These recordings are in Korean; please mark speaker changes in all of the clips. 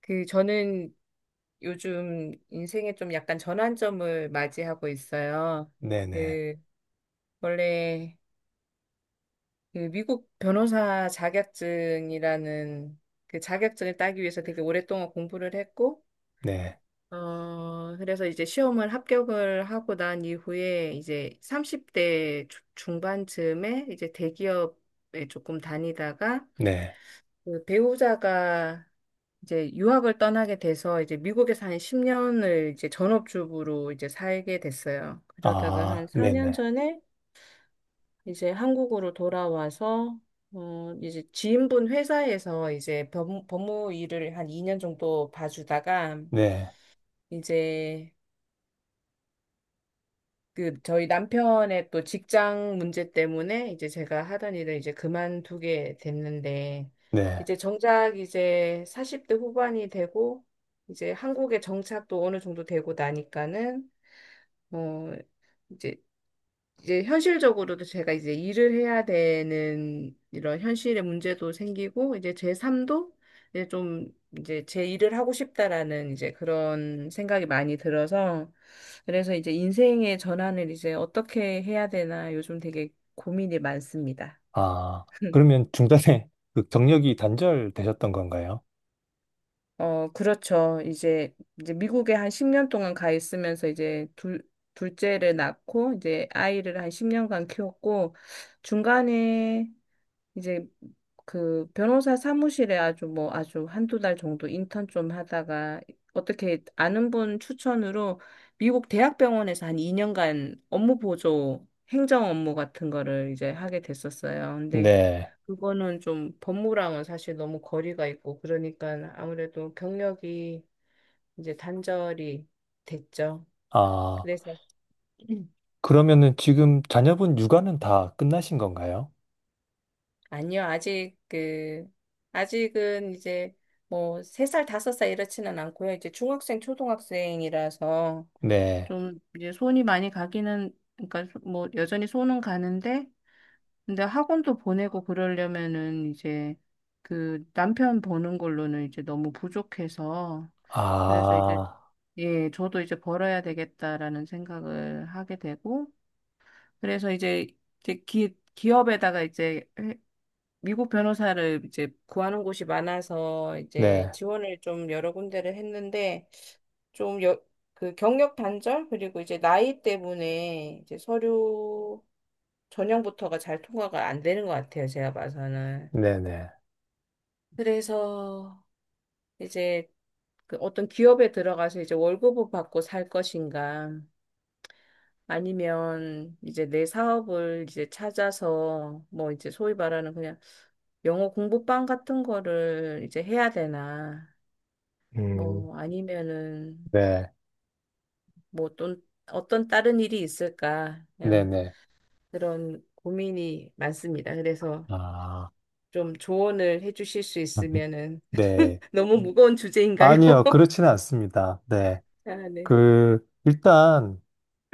Speaker 1: 저는 요즘 인생에 좀 약간 전환점을 맞이하고 있어요.
Speaker 2: 네네,
Speaker 1: 그 원래 그 미국 변호사 자격증이라는 그 자격증을 따기 위해서 되게 오랫동안 공부를 했고,
Speaker 2: 네,
Speaker 1: 그래서 이제 시험을 합격을 하고 난 이후에 이제 30대 중반쯤에 이제 대기업에 조금 다니다가,
Speaker 2: 네,
Speaker 1: 배우자가 이제 유학을 떠나게 돼서 이제 미국에서 한 10년을 이제 전업주부로 이제 살게 됐어요. 그러다가 한
Speaker 2: 아,
Speaker 1: 4년
Speaker 2: 네네,
Speaker 1: 전에 이제 한국으로 돌아와서 이제 지인분 회사에서 이제 법무 일을 한 2년 정도 봐주다가,
Speaker 2: 네,
Speaker 1: 이제 그 저희 남편의 또 직장 문제 때문에 이제 제가 하던 일을 이제 그만두게 됐는데,
Speaker 2: 네,
Speaker 1: 이제 정작 이제 40대 후반이 되고 이제 한국에 정착도 어느 정도 되고 나니까는, 어 이제 이제 현실적으로도 제가 이제 일을 해야 되는 이런 현실의 문제도 생기고 이제 제 삶도 이제 좀 이제 제 일을 하고 싶다라는 이제 그런 생각이 많이 들어서, 그래서 이제 인생의 전환을 이제 어떻게 해야 되나 요즘 되게 고민이 많습니다.
Speaker 2: 아, 그러면 중간에 그 경력이 단절되셨던 건가요?
Speaker 1: 그렇죠. 이제 미국에 한 10년 동안 가 있으면서 이제 둘째를 낳고 이제 아이를 한 10년간 키웠고, 중간에 이제 그 변호사 사무실에 아주 뭐 아주 한두 달 정도 인턴 좀 하다가 어떻게 아는 분 추천으로 미국 대학병원에서 한 2년간 업무 보조 행정 업무 같은 거를 이제 하게 됐었어요. 근데
Speaker 2: 네,
Speaker 1: 그거는 좀 법무랑은 사실 너무 거리가 있고 그러니까 아무래도 경력이 이제 단절이 됐죠.
Speaker 2: 아,
Speaker 1: 그래서.
Speaker 2: 그러면은 지금 자녀분 육아는 다 끝나신 건가요?
Speaker 1: 아니요, 아직은 이제 뭐 3살 5살 이렇지는 않고요. 이제 중학생 초등학생이라서
Speaker 2: 네,
Speaker 1: 좀 이제 손이 많이 가기는, 그러니까 뭐 여전히 손은 가는데, 근데 학원도 보내고 그러려면은 이제 그 남편 보는 걸로는 이제 너무 부족해서, 그래서 이제
Speaker 2: 아,
Speaker 1: 예, 저도 이제 벌어야 되겠다라는 생각을 하게 되고, 그래서 이제 기업에다가 이제 미국 변호사를 이제 구하는 곳이 많아서 이제
Speaker 2: 네,
Speaker 1: 지원을 좀 여러 군데를 했는데, 좀 경력 단절 그리고 이제 나이 때문에 이제 서류 전형부터가 잘 통과가 안 되는 것 같아요. 제가 봐서는.
Speaker 2: 네네,
Speaker 1: 그래서 이제 그 어떤 기업에 들어가서 이제 월급을 받고 살 것인가, 아니면 이제 내 사업을 이제 찾아서 뭐 이제 소위 말하는 그냥 영어 공부방 같은 거를 이제 해야 되나,
Speaker 2: 음,
Speaker 1: 뭐 아니면은
Speaker 2: 네,
Speaker 1: 뭐 또 어떤 다른 일이 있을까? 그냥
Speaker 2: 네네,
Speaker 1: 그런 고민이 많습니다. 그래서
Speaker 2: 아,
Speaker 1: 좀 조언을 해주실 수 있으면은.
Speaker 2: 네,
Speaker 1: 너무 무거운 주제인가요?
Speaker 2: 아니요, 그렇지는 않습니다. 네,
Speaker 1: 아, 네.
Speaker 2: 그, 일단,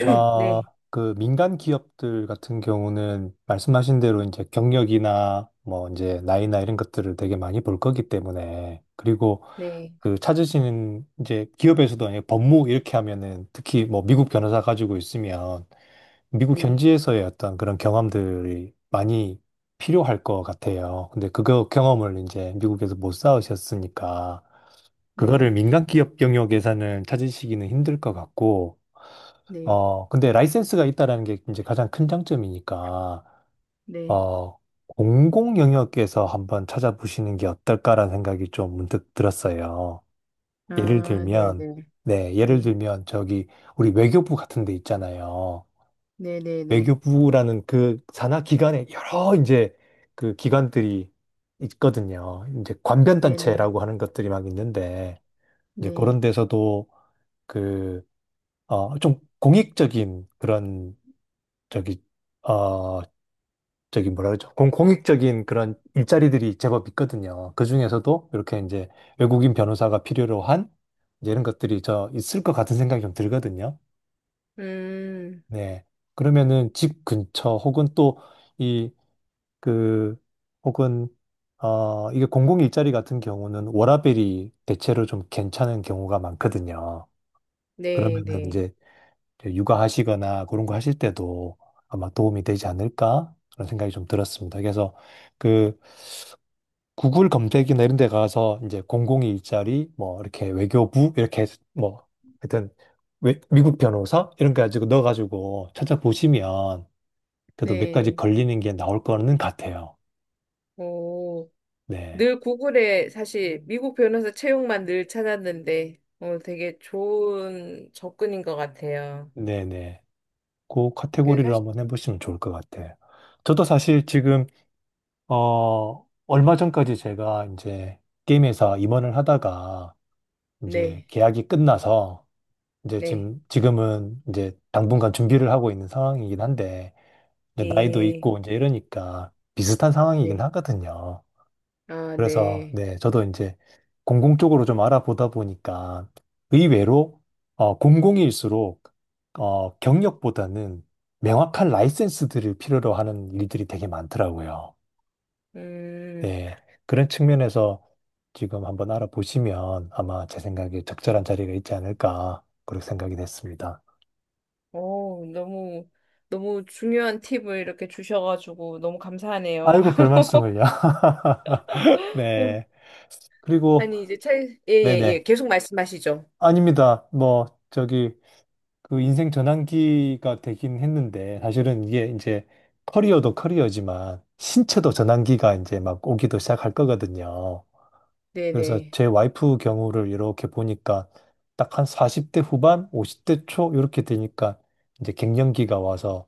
Speaker 2: 아,
Speaker 1: 네.
Speaker 2: 그 민간 기업들 같은 경우는 말씀하신 대로 이제 경력이나 뭐 이제 나이나 이런 것들을 되게 많이 볼 거기 때문에, 그리고
Speaker 1: 네.
Speaker 2: 그 찾으시는 이제 기업에서도 아니고 법무 이렇게 하면은 특히 뭐 미국 변호사 가지고 있으면 미국
Speaker 1: 네.
Speaker 2: 현지에서의 어떤 그런 경험들이 많이 필요할 것 같아요. 근데 그거 경험을 이제 미국에서 못 쌓으셨으니까 그거를
Speaker 1: 네.
Speaker 2: 민간 기업 영역에서는 찾으시기는 힘들 것 같고,
Speaker 1: 네.
Speaker 2: 근데 라이센스가 있다라는 게 이제 가장 큰 장점이니까,
Speaker 1: 네.
Speaker 2: 어, 공공 영역에서 한번 찾아보시는 게 어떨까라는 생각이 좀 문득 들었어요. 예를
Speaker 1: 아, 네,
Speaker 2: 들면,
Speaker 1: 네.
Speaker 2: 네, 예를
Speaker 1: 예.
Speaker 2: 들면 저기 우리 외교부 같은 데 있잖아요.
Speaker 1: 네, 네, 네.
Speaker 2: 외교부라는 그 산하 기관에 여러 이제 그 기관들이 있거든요. 이제
Speaker 1: 네, 네.
Speaker 2: 관변단체라고 하는 것들이 막 있는데, 이제 그런
Speaker 1: 네.
Speaker 2: 데서도 그, 좀 공익적인 그런 저기, 어, 저기 뭐라 그러죠? 공익적인 그런 일자리들이 제법 있거든요. 그 중에서도 이렇게 이제 외국인 변호사가 필요로 한 이제 이런 것들이 저 있을 것 같은 생각이 좀 들거든요.
Speaker 1: 음.
Speaker 2: 네. 그러면은 집 근처 혹은 또 이, 그, 혹은 이게 공공 일자리 같은 경우는 워라밸이 대체로 좀 괜찮은 경우가 많거든요.
Speaker 1: 네,
Speaker 2: 그러면은
Speaker 1: 네.
Speaker 2: 이제 이제 육아하시거나 그런 거 하실 때도 아마 도움이 되지 않을까? 그런 생각이 좀 들었습니다. 그래서 그 구글 검색이나 이런 데 가서 이제 002 일자리 뭐 이렇게 외교부 이렇게 해서 뭐 하여튼 미국 변호사 이런 거 가지고 넣어가지고 찾아보시면 그래도 몇 가지
Speaker 1: 네.
Speaker 2: 걸리는 게 나올 거는 같아요.
Speaker 1: 오.
Speaker 2: 네.
Speaker 1: 늘 구글에 사실 미국 변호사 채용만 늘 찾았는데, 되게 좋은 접근인 것 같아요.
Speaker 2: 네네. 그 카테고리를
Speaker 1: 사실,
Speaker 2: 한번 해보시면 좋을 것 같아요. 저도 사실 지금, 얼마 전까지 제가 이제 게임 회사 임원을 하다가 이제
Speaker 1: 네,
Speaker 2: 계약이 끝나서 이제
Speaker 1: 네,
Speaker 2: 지금은 이제 당분간 준비를 하고 있는 상황이긴 한데 이제 나이도
Speaker 1: 이,
Speaker 2: 있고 이제 이러니까 비슷한 상황이긴
Speaker 1: 네,
Speaker 2: 하거든요.
Speaker 1: 아,
Speaker 2: 그래서
Speaker 1: 네.
Speaker 2: 네, 저도 이제 공공 쪽으로 좀 알아보다 보니까 의외로 공공일수록 경력보다는 명확한 라이센스들을 필요로 하는 일들이 되게 많더라고요.
Speaker 1: 음,
Speaker 2: 예, 그런 측면에서 지금 한번 알아보시면 아마 제 생각에 적절한 자리가 있지 않을까 그렇게 생각이 됐습니다.
Speaker 1: 너무, 너무 중요한 팁을 이렇게 주셔가지고 너무 감사하네요.
Speaker 2: 아이고, 별 말씀을요.
Speaker 1: 어,
Speaker 2: 네. 그리고
Speaker 1: 아니, 이제 예, 예, 예.
Speaker 2: 네네.
Speaker 1: 계속 말씀하시죠.
Speaker 2: 아닙니다. 뭐 저기 그 인생 전환기가 되긴 했는데 사실은 이게 이제 커리어도 커리어지만 신체도 전환기가 이제 막 오기도 시작할 거거든요.
Speaker 1: 네,
Speaker 2: 그래서
Speaker 1: 네,
Speaker 2: 제 와이프 경우를 이렇게 보니까 딱 한 40대 후반, 50대 초 이렇게 되니까 이제 갱년기가 와서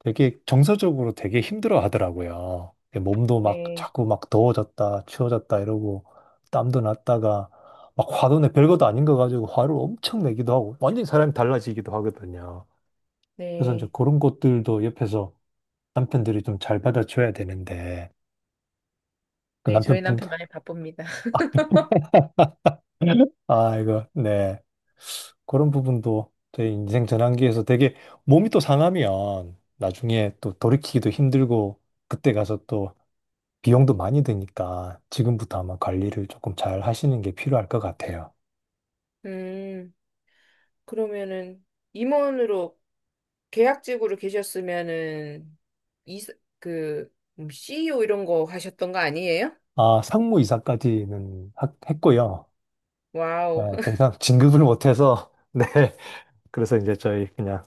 Speaker 2: 되게 정서적으로 되게 힘들어 하더라고요. 몸도 막
Speaker 1: 네,
Speaker 2: 자꾸 막 더워졌다, 추워졌다 이러고 땀도 났다가 막 화도 내 별것도 아닌 거 가지고 화를 엄청 내기도 하고 완전히 사람이 달라지기도 하거든요. 그래서 이제
Speaker 1: 네.
Speaker 2: 그런 것들도 옆에서 남편들이 좀 잘 받아줘야 되는데 그
Speaker 1: 네, 저희
Speaker 2: 남편분
Speaker 1: 남편 많이 바쁩니다.
Speaker 2: 아 이거 네 그런 부분도 내 인생 전환기에서 되게 몸이 또 상하면 나중에 또 돌이키기도 힘들고 그때 가서 또 비용도 많이 드니까 지금부터 아마 관리를 조금 잘 하시는 게 필요할 것 같아요.
Speaker 1: 음, 그러면은 임원으로 계약직으로 계셨으면은 이사 그 CEO 이런 거 하셨던 거 아니에요?
Speaker 2: 아, 상무이사까지는 했고요. 네,
Speaker 1: 와우.
Speaker 2: 더 이상 진급을 못해서 네. 그래서 이제 저희 그냥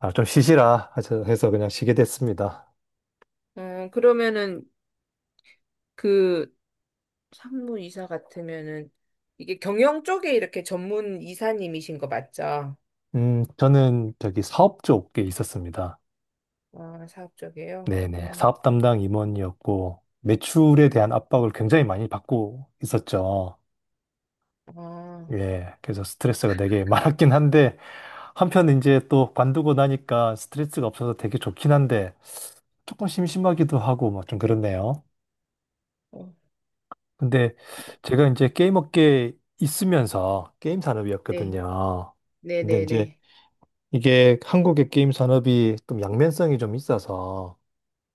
Speaker 2: 아, 좀 쉬시라 해서 그냥 쉬게 됐습니다.
Speaker 1: 그러면은 그 상무 이사 같으면은 이게 경영 쪽에 이렇게 전문 이사님이신 거 맞죠?
Speaker 2: 저는 저기 사업 쪽에 있었습니다.
Speaker 1: 아, 사업 쪽이에요?
Speaker 2: 네네.
Speaker 1: 음.
Speaker 2: 사업 담당 임원이었고, 매출에 대한 압박을 굉장히 많이 받고 있었죠.
Speaker 1: 아.
Speaker 2: 예. 그래서 스트레스가 되게 많았긴 한데, 한편 이제 또 관두고 나니까 스트레스가 없어서 되게 좋긴 한데, 조금 심심하기도 하고, 뭐 좀 그렇네요.
Speaker 1: 어,
Speaker 2: 근데 제가 이제 게임 업계에 있으면서 게임
Speaker 1: 네.
Speaker 2: 산업이었거든요.
Speaker 1: 네,
Speaker 2: 근데
Speaker 1: 네,
Speaker 2: 이제
Speaker 1: 네.
Speaker 2: 이게 한국의 게임 산업이 좀 양면성이 좀 있어서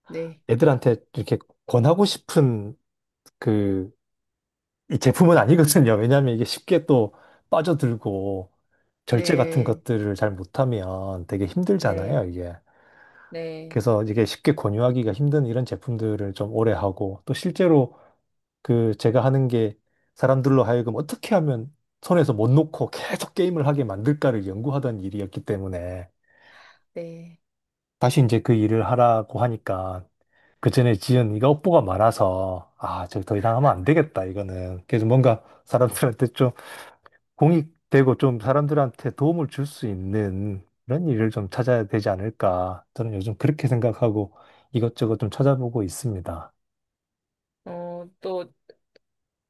Speaker 1: 네.
Speaker 2: 애들한테 이렇게 권하고 싶은 그 이 제품은 아니거든요. 왜냐하면 이게 쉽게 또 빠져들고 절제 같은
Speaker 1: 네.
Speaker 2: 것들을 잘 못하면 되게
Speaker 1: 네.
Speaker 2: 힘들잖아요, 이게.
Speaker 1: 네.
Speaker 2: 그래서 이게 쉽게 권유하기가 힘든 이런 제품들을 좀 오래 하고 또 실제로 그 제가 하는 게 사람들로 하여금 어떻게 하면 손에서 못 놓고 계속 게임을 하게 만들까를 연구하던 일이었기 때문에
Speaker 1: 네.
Speaker 2: 다시 이제 그 일을 하라고 하니까 그전에 지은 이가 업보가 많아서 아, 저 더 이상 하면 안 되겠다, 이거는. 그래서 뭔가 사람들한테 공익되고 좀 사람들한테 도움을 줄 수 있는 그런 일을 좀 찾아야 되지 않을까. 저는 요즘 그렇게 생각하고 이것저것 좀 찾아보고 있습니다.
Speaker 1: 또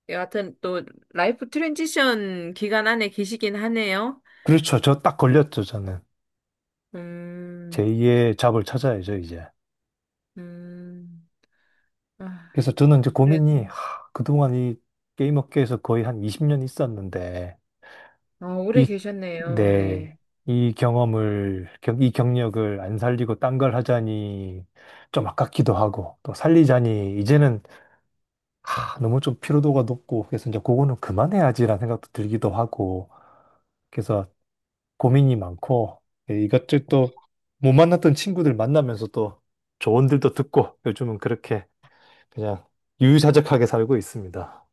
Speaker 1: 여하튼 또 라이프 트랜지션 기간 안에 계시긴 하네요.
Speaker 2: 그렇죠. 저 딱 걸렸죠, 저는.
Speaker 1: 음.
Speaker 2: 제2의 잡을 찾아야죠, 이제.
Speaker 1: 음. 아.
Speaker 2: 그래서 저는 이제 고민이,
Speaker 1: 그래도.
Speaker 2: 하, 그동안 이 게임 업계에서 거의 한 20년 있었는데,
Speaker 1: 오래
Speaker 2: 이,
Speaker 1: 계셨네요. 네.
Speaker 2: 네, 이 경험을, 이 경력을 안 살리고 딴 걸 하자니 좀 아깝기도 하고, 또 살리자니 이제는 하, 너무 좀 피로도가 높고 그래서 이제 그거는 그만해야지라는 생각도 들기도 하고 그래서 고민이 많고 예, 이것저것 또 못 만났던 친구들 만나면서 또 조언들도 듣고 요즘은 그렇게 그냥 유유자적하게 살고 있습니다.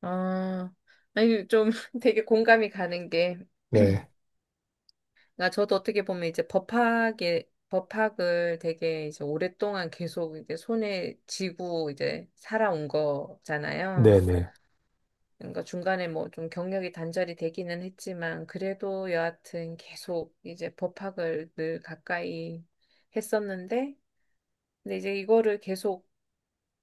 Speaker 1: 아, 아니, 좀 되게 공감이 가는 게,
Speaker 2: 네.
Speaker 1: 나 저도 어떻게 보면 이제 법학을 되게 이제 오랫동안 계속 이제 손에 쥐고 이제 살아온 거잖아요.
Speaker 2: 네네.
Speaker 1: 그러니까 중간에 뭐 좀 경력이 단절이 되기는 했지만, 그래도 여하튼 계속 이제 법학을 늘 가까이 했었는데, 근데 이제 이거를 계속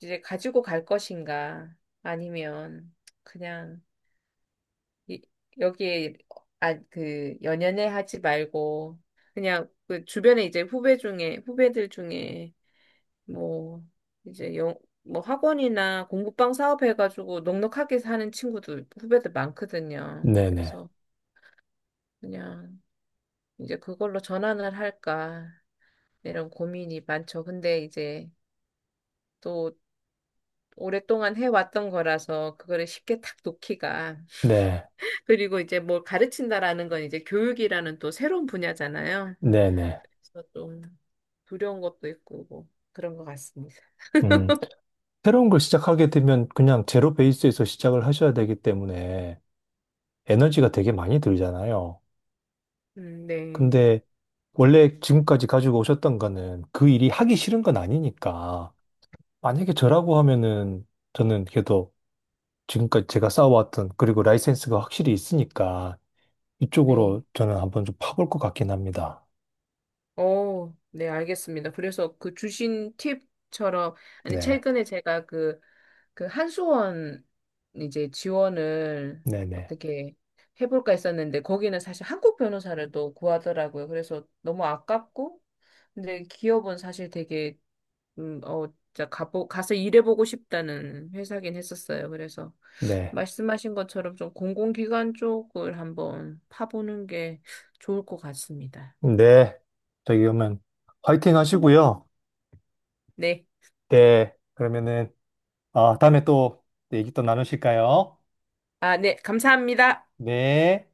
Speaker 1: 이제 가지고 갈 것인가? 아니면 그냥 이, 여기에 연연해 하지 말고 그냥 그 주변에 이제 후배들 중에 뭐 이제 뭐 학원이나 공부방 사업 해가지고 넉넉하게 사는 친구들 후배들 많거든요.
Speaker 2: 네네.
Speaker 1: 그래서 그냥 이제 그걸로 전환을 할까 이런 고민이 많죠. 근데 이제 또 오랫동안 해왔던 거라서 그거를 쉽게 탁 놓기가.
Speaker 2: 네.
Speaker 1: 그리고 이제 뭘 가르친다라는 건 이제 교육이라는 또 새로운 분야잖아요.
Speaker 2: 네네.
Speaker 1: 그래서 좀 두려운 것도 있고 뭐 그런 것 같습니다.
Speaker 2: 음. 새로운 걸 시작하게 되면 그냥 제로 베이스에서 시작을 하셔야 되기 때문에 에너지가 되게 많이 들잖아요.
Speaker 1: 네,
Speaker 2: 근데 원래 지금까지 가지고 오셨던 거는 그 일이 하기 싫은 건 아니니까. 만약에 저라고 하면은 저는 그래도 지금까지 제가 쌓아왔던 그리고 라이센스가 확실히 있으니까
Speaker 1: 네,
Speaker 2: 이쪽으로 저는 한번 좀 파볼 것 같긴 합니다.
Speaker 1: 어, 네, 알겠습니다. 그래서 그 주신 팁처럼. 아니
Speaker 2: 네.
Speaker 1: 최근에 제가 한수원 이제 지원을
Speaker 2: 네네.
Speaker 1: 어떻게 해볼까 했었는데 거기는 사실 한국 변호사를 또 구하더라고요. 그래서 너무 아깝고, 근데 기업은 사실 되게 음, 어, 진짜 가서 일해보고 싶다는 회사긴 했었어요. 그래서
Speaker 2: 네.
Speaker 1: 말씀하신 것처럼 좀 공공기관 쪽을 한번 파보는 게 좋을 것 같습니다.
Speaker 2: 네. 저기 그러면 화이팅 하시고요.
Speaker 1: 네.
Speaker 2: 네. 그러면은 아, 다음에 또 얘기 또 나누실까요?
Speaker 1: 아, 네. 감사합니다.
Speaker 2: 네.